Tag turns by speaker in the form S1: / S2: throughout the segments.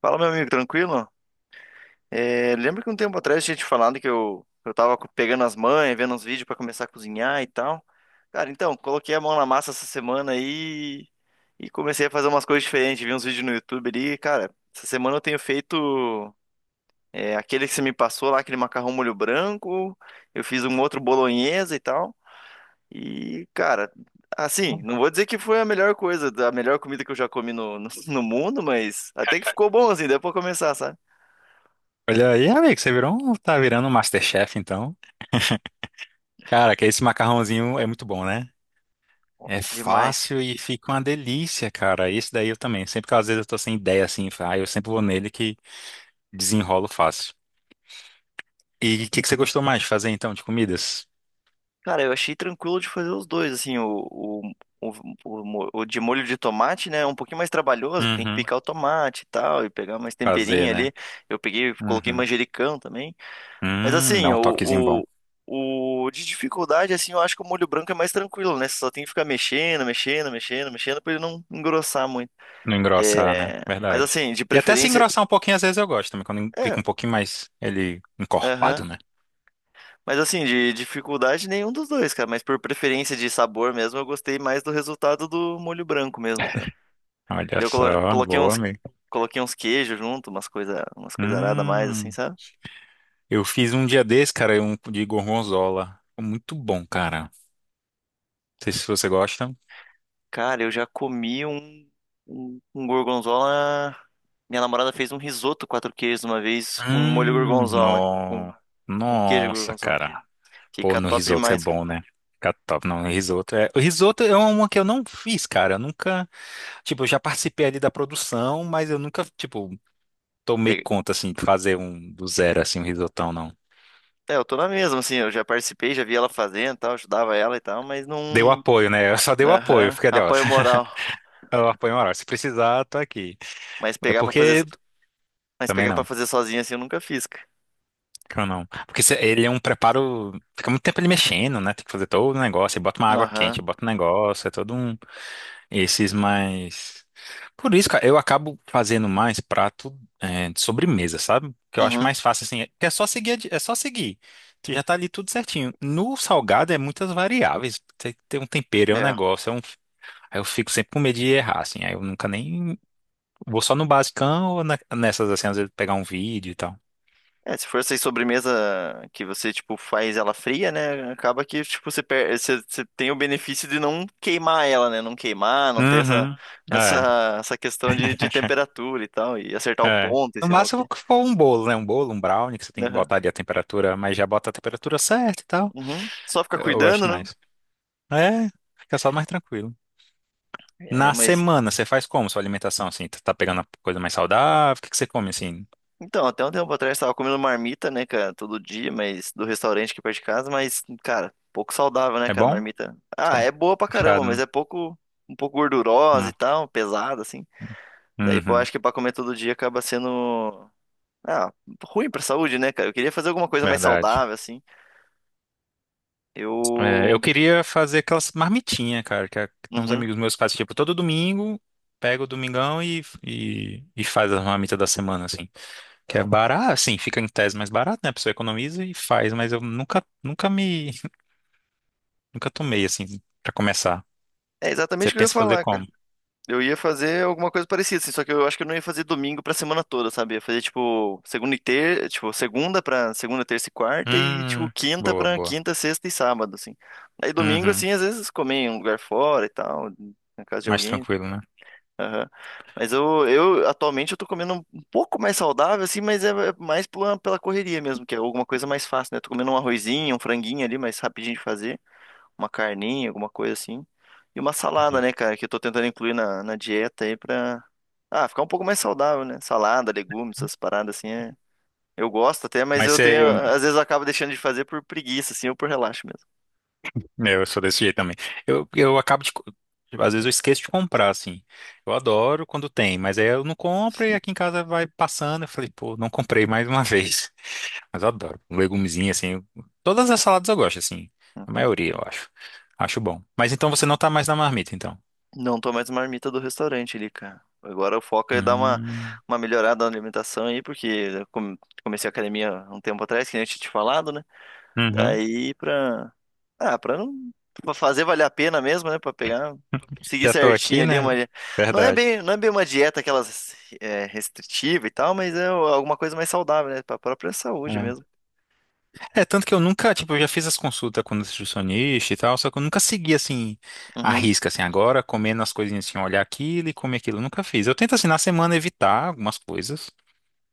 S1: Fala, meu amigo, tranquilo? É, lembra que um tempo atrás eu tinha te falado que eu tava pegando as manhas, vendo uns vídeos pra começar a cozinhar e tal. Cara, então, coloquei a mão na massa essa semana aí e comecei a fazer umas coisas diferentes, vi uns vídeos no YouTube ali. Cara, essa semana eu tenho feito aquele que você me passou lá, aquele macarrão molho branco, eu fiz um outro bolonhesa e tal. E, cara, assim, não vou dizer que foi a melhor coisa, a melhor comida que eu já comi no mundo, mas até que ficou bom assim, deu pra começar, sabe?
S2: Olha aí, amigo, você tá virando um MasterChef, então. Cara, que esse macarrãozinho é muito bom, né? É
S1: Nossa, demais.
S2: fácil e fica uma delícia, cara. Esse daí eu também. Sempre que às vezes eu tô sem ideia assim, ah, eu sempre vou nele que desenrolo fácil. E o que que você gostou mais de fazer então de comidas?
S1: Cara, eu achei tranquilo de fazer os dois, assim, o, o de molho de tomate, né, é um pouquinho mais trabalhoso, tem que
S2: Uhum.
S1: picar o tomate e tal, e pegar mais
S2: Fazer,
S1: temperinho
S2: né?
S1: ali. Eu peguei, coloquei
S2: Uhum.
S1: manjericão também. Mas assim,
S2: Dá um toquezinho bom.
S1: o de dificuldade, assim, eu acho que o molho branco é mais tranquilo, né, você só tem que ficar mexendo, mexendo, mexendo, mexendo, pra ele não engrossar muito.
S2: Não engrossar, né?
S1: É... Mas
S2: Verdade.
S1: assim, de
S2: E até se
S1: preferência,
S2: engrossar um pouquinho, às vezes eu gosto também, quando
S1: é,
S2: fica um pouquinho mais ele
S1: aham.
S2: encorpado, né?
S1: Mas assim, de dificuldade nenhum dos dois, cara. Mas por preferência de sabor mesmo, eu gostei mais do resultado do molho branco mesmo, cara.
S2: Olha
S1: Daí eu
S2: só,
S1: coloquei
S2: boa, amigo.
S1: coloquei uns queijos junto, umas coisa arada a mais, assim,
S2: Hum.
S1: sabe?
S2: Eu fiz um dia desse, cara, um de gorgonzola. Muito bom, cara. Não sei se você gosta.
S1: Cara, eu já comi um gorgonzola. Minha namorada fez um risoto quatro queijos uma vez com molho
S2: Hum,
S1: gorgonzola, com,
S2: no...
S1: com queijo
S2: Nossa,
S1: gorgonzola.
S2: cara. Pô,
S1: Fica
S2: no
S1: top
S2: risoto é
S1: demais.
S2: bom, né? Fica top. Não, no risoto o risoto é uma que eu não fiz, cara. Eu nunca. Tipo, eu já participei ali da produção, mas eu nunca, tipo, tomei conta, assim, de fazer um do zero, assim, um risotão, não.
S1: É, eu tô na mesma, assim, eu já participei, já vi ela fazendo e tal, ajudava ela e tal, mas
S2: Deu
S1: não.
S2: apoio, né? Eu só dei o apoio.
S1: Aham,
S2: Fiquei ali, ó.
S1: apoio moral.
S2: Eu apoio moral. Se precisar, tô aqui.
S1: Mas
S2: É
S1: pegar pra fazer,
S2: porque.
S1: mas
S2: Também
S1: pegar para
S2: não.
S1: fazer sozinho assim eu nunca fiz, cara.
S2: Que eu não. Porque ele é um preparo. Fica muito tempo ele mexendo, né? Tem que fazer todo o negócio. Aí bota uma água
S1: Aham.
S2: quente, bota um negócio. É todo um. Esses mais. Por isso, cara, eu acabo fazendo mais prato de sobremesa, sabe? Que eu acho
S1: Uhum.
S2: mais fácil, assim. É que é só seguir. É só seguir. Tu já tá ali tudo certinho. No salgado é muitas variáveis. Tem que ter um tempero, é um
S1: É.
S2: negócio. É um. Aí eu fico sempre com medo de errar, assim. Aí eu nunca nem. Vou só no basicão ou nessas, assim, às vezes pegar um vídeo e tal.
S1: É, se for essa aí sobremesa que você, tipo, faz ela fria, né? Acaba que, tipo, você tem o benefício de não queimar ela, né? Não queimar, não ter essa,
S2: Uhum. É.
S1: essa questão de temperatura e tal, e acertar o
S2: É.
S1: ponto e
S2: No
S1: sei lá o
S2: máximo
S1: quê.
S2: que for um bolo, né? Um bolo, um brownie, que você tem que
S1: Aham.
S2: botar ali a temperatura, mas já bota a temperatura certa e tal.
S1: Uhum. Só ficar
S2: Eu
S1: cuidando,
S2: gosto
S1: né?
S2: mais. É, fica só mais tranquilo.
S1: É,
S2: Na
S1: mas,
S2: semana, você faz como sua alimentação, assim? Tá pegando a coisa mais saudável? O que que você come, assim?
S1: Então, até um tempo atrás eu tava comendo marmita, né, cara, todo dia, mas do restaurante aqui perto de casa, mas, cara, pouco saudável, né,
S2: É
S1: cara,
S2: bom?
S1: marmita. Ah,
S2: Tá.
S1: é boa pra caramba,
S2: Fechado,
S1: mas
S2: né?
S1: é pouco, um pouco gordurosa
S2: Não.
S1: e tal, pesada, assim. Daí, pô, eu
S2: Uhum,
S1: acho que pra comer todo dia acaba sendo, ah, ruim pra saúde, né, cara. Eu queria fazer alguma coisa mais
S2: verdade.
S1: saudável, assim.
S2: É, eu
S1: Eu,
S2: queria fazer aquelas marmitinhas, cara, que tem uns
S1: uhum.
S2: amigos meus que fazem, tipo, todo domingo, pega o domingão e faz as marmitas da semana, assim. Que é barato, assim, fica em tese mais barato, né? A pessoa economiza e faz, mas eu nunca, nunca tomei, assim, pra começar.
S1: É exatamente
S2: Você
S1: o que eu ia
S2: pensa em fazer
S1: falar, cara.
S2: como?
S1: Eu ia fazer alguma coisa parecida, assim, só que eu acho que eu não ia fazer domingo pra semana toda, sabe? Ia fazer, tipo, tipo, segunda pra segunda, terça e quarta e, tipo,
S2: Hum,
S1: quinta
S2: boa,
S1: pra
S2: boa.
S1: quinta, sexta e sábado, assim. Aí domingo,
S2: Uhum,
S1: assim, às vezes comer em um lugar fora e tal, na casa de
S2: mais
S1: alguém.
S2: tranquilo, né?
S1: Aham. Mas atualmente, eu tô comendo um pouco mais saudável, assim, mas é mais pela, pela correria mesmo, que é alguma coisa mais fácil, né? Tô comendo um arrozinho, um franguinho ali, mais rapidinho de fazer uma carninha, alguma coisa assim. E uma salada,
S2: Entendi.
S1: né, cara, que eu tô tentando incluir na, na dieta aí pra ficar um pouco mais saudável, né? Salada, legumes, essas paradas assim, é... Eu gosto até, mas
S2: Mas
S1: eu
S2: você.
S1: tenho, às vezes eu acabo deixando de fazer por preguiça, assim, ou por relaxo mesmo.
S2: Eu sou desse jeito também. Eu acabo de. Tipo, às vezes eu esqueço de comprar, assim. Eu adoro quando tem, mas aí eu não compro e aqui em casa vai passando. Eu falei, pô, não comprei mais uma vez. Mas eu adoro. Um legumezinho, assim. Todas as saladas eu gosto, assim. A
S1: Uhum.
S2: maioria, eu acho. Acho bom. Mas então você não tá mais na marmita, então.
S1: Não tô mais marmita do restaurante ali, cara. Agora o foco é dar
S2: Hum.
S1: uma melhorada na alimentação aí, porque eu comecei a academia um tempo atrás, que nem eu tinha te falado, né?
S2: Uhum.
S1: Daí pra. Ah, pra não. Pra fazer valer a pena mesmo, né? Pra pegar. Seguir
S2: Já tô
S1: certinho
S2: aqui,
S1: ali
S2: né?
S1: uma.
S2: Verdade.
S1: Não é bem uma dieta restritiva e tal, mas é alguma coisa mais saudável, né? Pra própria saúde mesmo.
S2: É. É, tanto que eu nunca, tipo, eu já fiz as consultas com o nutricionista e tal, só que eu nunca segui, assim, a
S1: Uhum.
S2: risca, assim, agora, comendo as coisinhas, assim, olhar aquilo e comer aquilo, eu nunca fiz. Eu tento, assim, na semana evitar algumas coisas,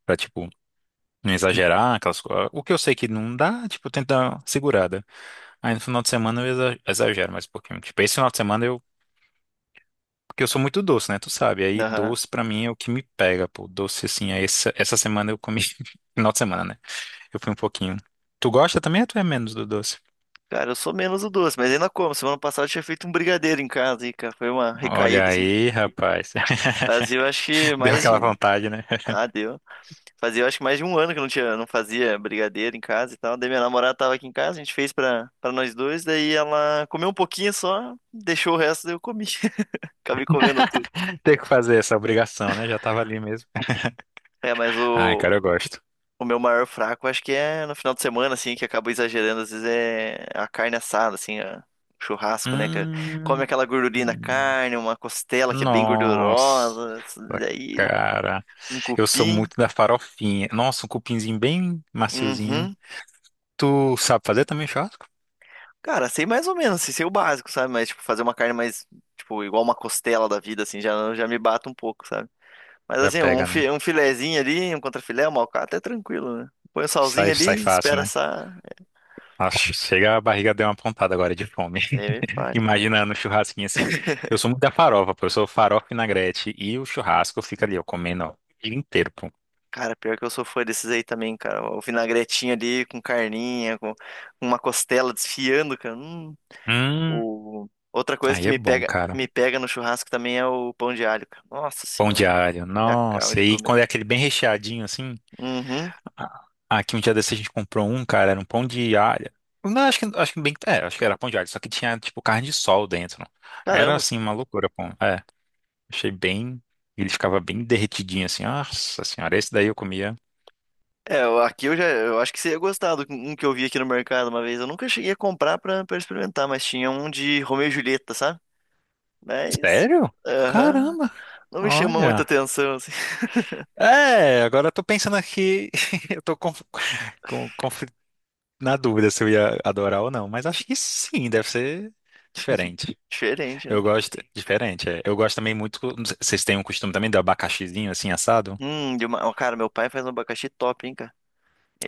S2: pra, tipo, não exagerar, aquelas coisas. O que eu sei que não dá, tipo, eu tento dar uma segurada. Aí no final de semana eu exagero mais um pouquinho. Tipo, esse final de semana eu. Porque eu sou muito doce, né? Tu sabe. Aí
S1: Aham.
S2: doce pra mim é o que me pega, pô. Doce, assim, aí essa semana eu comi. Final de semana, né? Eu fui um pouquinho. Tu gosta também ou tu é menos do doce?
S1: Cara, eu sou menos o doce, mas ainda como. Semana passada eu tinha feito um brigadeiro em casa e, cara, foi uma
S2: Olha
S1: recaída, assim.
S2: aí, rapaz.
S1: Mas eu acho que
S2: Deu
S1: mais
S2: aquela
S1: de.
S2: vontade, né?
S1: Ah, deu. Fazia, eu acho que mais de um ano que eu não tinha, não fazia brigadeiro em casa e tal. Daí minha namorada tava aqui em casa, a gente fez pra nós dois, daí ela comeu um pouquinho só, deixou o resto, daí eu comi. Acabei comendo tudo.
S2: Ter que fazer essa obrigação, né? Já tava ali mesmo.
S1: É, mas
S2: Ai,
S1: o,
S2: cara, eu gosto.
S1: o meu maior fraco acho que é no final de semana, assim, que eu acabo exagerando, às vezes é a carne assada, assim, churrasco, né? Que come
S2: Hum,
S1: aquela gordurinha da carne, uma costela que é bem
S2: nossa,
S1: gordurosa, daí
S2: cara.
S1: um
S2: Eu sou
S1: cupim.
S2: muito da farofinha. Nossa, um cupinzinho bem maciozinho.
S1: Uhum.
S2: Tu sabe fazer também churrasco?
S1: Cara, sei mais ou menos, assim, sei o básico, sabe? Mas, tipo, fazer uma carne mais, tipo, igual uma costela da vida, assim, já me bato um pouco, sabe? Mas,
S2: Já
S1: assim,
S2: pega, né?
S1: um filezinho ali, um contrafilé, uma alcatra é tranquilo, né? Põe o salzinho
S2: Sai, sai
S1: ali,
S2: fácil,
S1: espera
S2: né?
S1: assar,
S2: Nossa, chega a barriga deu uma pontada agora de fome.
S1: daí me fale.
S2: Imaginando o churrasquinho assim. Eu sou muito da farofa, pô. Eu sou farofa e vinagrete e o churrasco fica ali, eu comendo, ó, o dia inteiro, pô.
S1: Cara, pior que eu sou fã desses aí também, cara. O vinagretinho ali com carninha, com uma costela desfiando, cara. Hum.
S2: Hum,
S1: O... Outra coisa
S2: aí
S1: que
S2: é bom, cara.
S1: me pega no churrasco também é o pão de alho, cara. Nossa
S2: Pão
S1: senhora,
S2: de alho,
S1: me acaba
S2: nossa.
S1: de
S2: E
S1: comer.
S2: quando é aquele bem recheadinho assim.
S1: Uhum.
S2: Aqui um dia desse a gente comprou um, cara, era um pão de alho. Não, acho que era pão de alho, só que tinha tipo carne de sol dentro. Era
S1: Caramba, cara.
S2: assim uma loucura, pô. É, achei bem, ele ficava bem derretidinho assim. Nossa senhora, esse daí eu comia.
S1: É, aqui eu já, eu acho que você ia gostar do um que eu vi aqui no mercado uma vez. Eu nunca cheguei a comprar pra experimentar, mas tinha um de Romeu e Julieta, sabe? Mas,
S2: Sério?
S1: aham,
S2: Caramba,
S1: não me chama muita
S2: olha.
S1: atenção, assim.
S2: É, agora eu tô pensando aqui, eu tô com na dúvida se eu ia adorar ou não, mas acho que sim, deve ser diferente.
S1: Diferente,
S2: Eu
S1: né?
S2: gosto, diferente, é. Eu gosto também muito, vocês têm um costume também do abacaxizinho assim assado?
S1: De uma, ó, cara, meu pai faz um abacaxi top, hein, cara?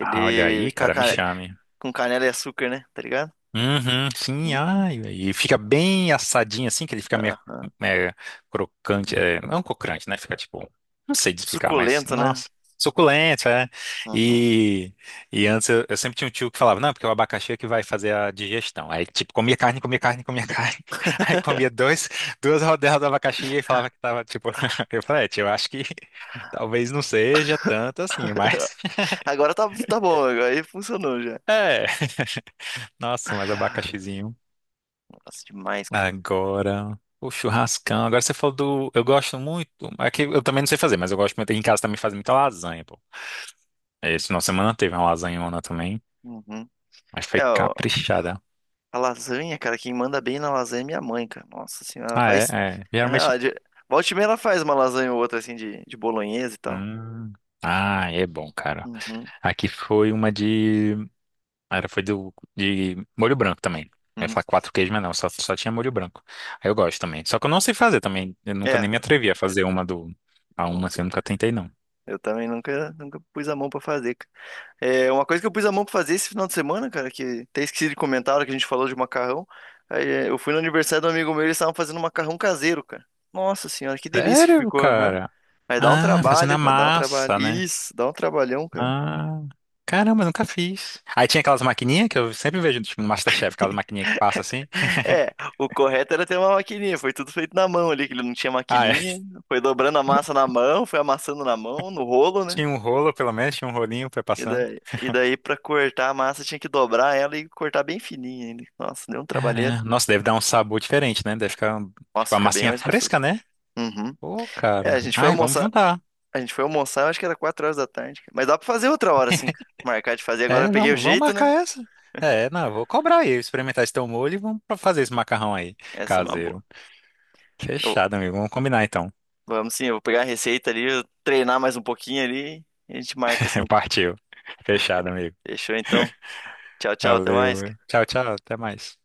S2: Ah, olha aí,
S1: com, a
S2: cara, me
S1: cane-
S2: chame.
S1: com canela e açúcar, né? Tá ligado?
S2: Uhum, sim,
S1: Hum,
S2: ai, e fica bem assadinho assim, que ele fica meio,
S1: aham.
S2: é, crocante, é, não é um crocante, né? Fica tipo, não sei de explicar, mas,
S1: Suculento, né?
S2: nossa, suculento, é.
S1: Uhum.
S2: E, e antes eu sempre tinha um tio que falava, não, porque é o abacaxi é que vai fazer a digestão. Aí, tipo, comia carne, comia carne, comia carne. Aí comia dois, duas rodelas do abacaxi e falava que tava, tipo, eu falei, "É, tio, eu acho que talvez não seja tanto assim, mas,
S1: Agora tá, tá bom, agora aí funcionou já.
S2: é, nossa, mas abacaxizinho.
S1: Nossa, demais, cara.
S2: Agora, o churrascão. Agora você falou do. Eu gosto muito. É que eu também não sei fazer, mas eu gosto muito. Em casa também faz muita lasanha, pô. Esse final de semana teve uma lasanhona também.
S1: Uhum.
S2: Mas foi
S1: É, ó,
S2: caprichada.
S1: a lasanha, cara, quem manda bem na lasanha é minha mãe, cara. Nossa senhora, ela
S2: Ah, é,
S1: faz.
S2: é.
S1: Na
S2: Geralmente.
S1: realidade, volta e meia ela faz uma lasanha ou outra, assim, de bolonhesa e tal.
S2: Hum. Ah, é bom, cara.
S1: Uhum,
S2: Aqui foi uma de. Era, foi do, de molho branco também. Eu ia
S1: uhum.
S2: falar quatro queijos, mas não, só tinha molho branco. Aí eu gosto também. Só que eu não sei fazer também. Eu nunca
S1: É,
S2: nem me atrevi a fazer uma do. A uma
S1: nunca.
S2: assim, eu nunca tentei, não.
S1: Eu também nunca pus a mão pra fazer, cara. É, uma coisa que eu pus a mão pra fazer esse final de semana, cara, que até esqueci de comentar, a hora que a gente falou de macarrão. Aí, é, eu fui no aniversário do amigo meu, e eles estavam fazendo macarrão caseiro, cara. Nossa senhora, que delícia que
S2: Sério,
S1: ficou, aham.
S2: cara?
S1: Mas dá um
S2: Ah, fazendo a
S1: trabalho, cara, dá um trabalho.
S2: massa, né?
S1: Isso, dá um trabalhão, cara.
S2: Ah, caramba, nunca fiz. Aí tinha aquelas maquininhas que eu sempre vejo tipo, no MasterChef, aquelas maquininhas que passa assim.
S1: É, o correto era ter uma maquininha, foi tudo feito na mão ali, que ele não tinha
S2: Ah, é.
S1: maquininha, foi dobrando a massa na mão, foi amassando na mão, no rolo, né?
S2: Tinha um rolo, pelo menos, tinha um rolinho pra ir passando.
S1: E daí pra cortar a massa tinha que dobrar ela e cortar bem fininha ainda. Nossa, deu um trabalheiro.
S2: Caramba, nossa, deve dar um sabor diferente, né? Deve ficar,
S1: Nossa,
S2: tipo, a
S1: fica bem
S2: massinha
S1: mais
S2: fresca,
S1: gostoso.
S2: né?
S1: Uhum.
S2: Ô,
S1: É,
S2: cara. Ai, vamos juntar.
S1: a gente foi almoçar, acho que era 4 horas da tarde. Cara. Mas dá pra fazer outra hora, assim, cara. Marcar de fazer. Agora eu
S2: É,
S1: peguei o
S2: vamos, vamos
S1: jeito,
S2: marcar
S1: né?
S2: essa. É, não, eu vou cobrar aí, experimentar esse teu molho e vamos pra fazer esse macarrão aí,
S1: Essa é uma boa.
S2: caseiro.
S1: Eu-
S2: Fechado, amigo. Vamos combinar então.
S1: vamos sim, eu vou pegar a receita ali, eu treinar mais um pouquinho ali, e a gente marca assim. Cara.
S2: Partiu. Fechado, amigo.
S1: Fechou então. Tchau, tchau, até mais,
S2: Valeu.
S1: cara.
S2: Tchau, tchau. Até mais.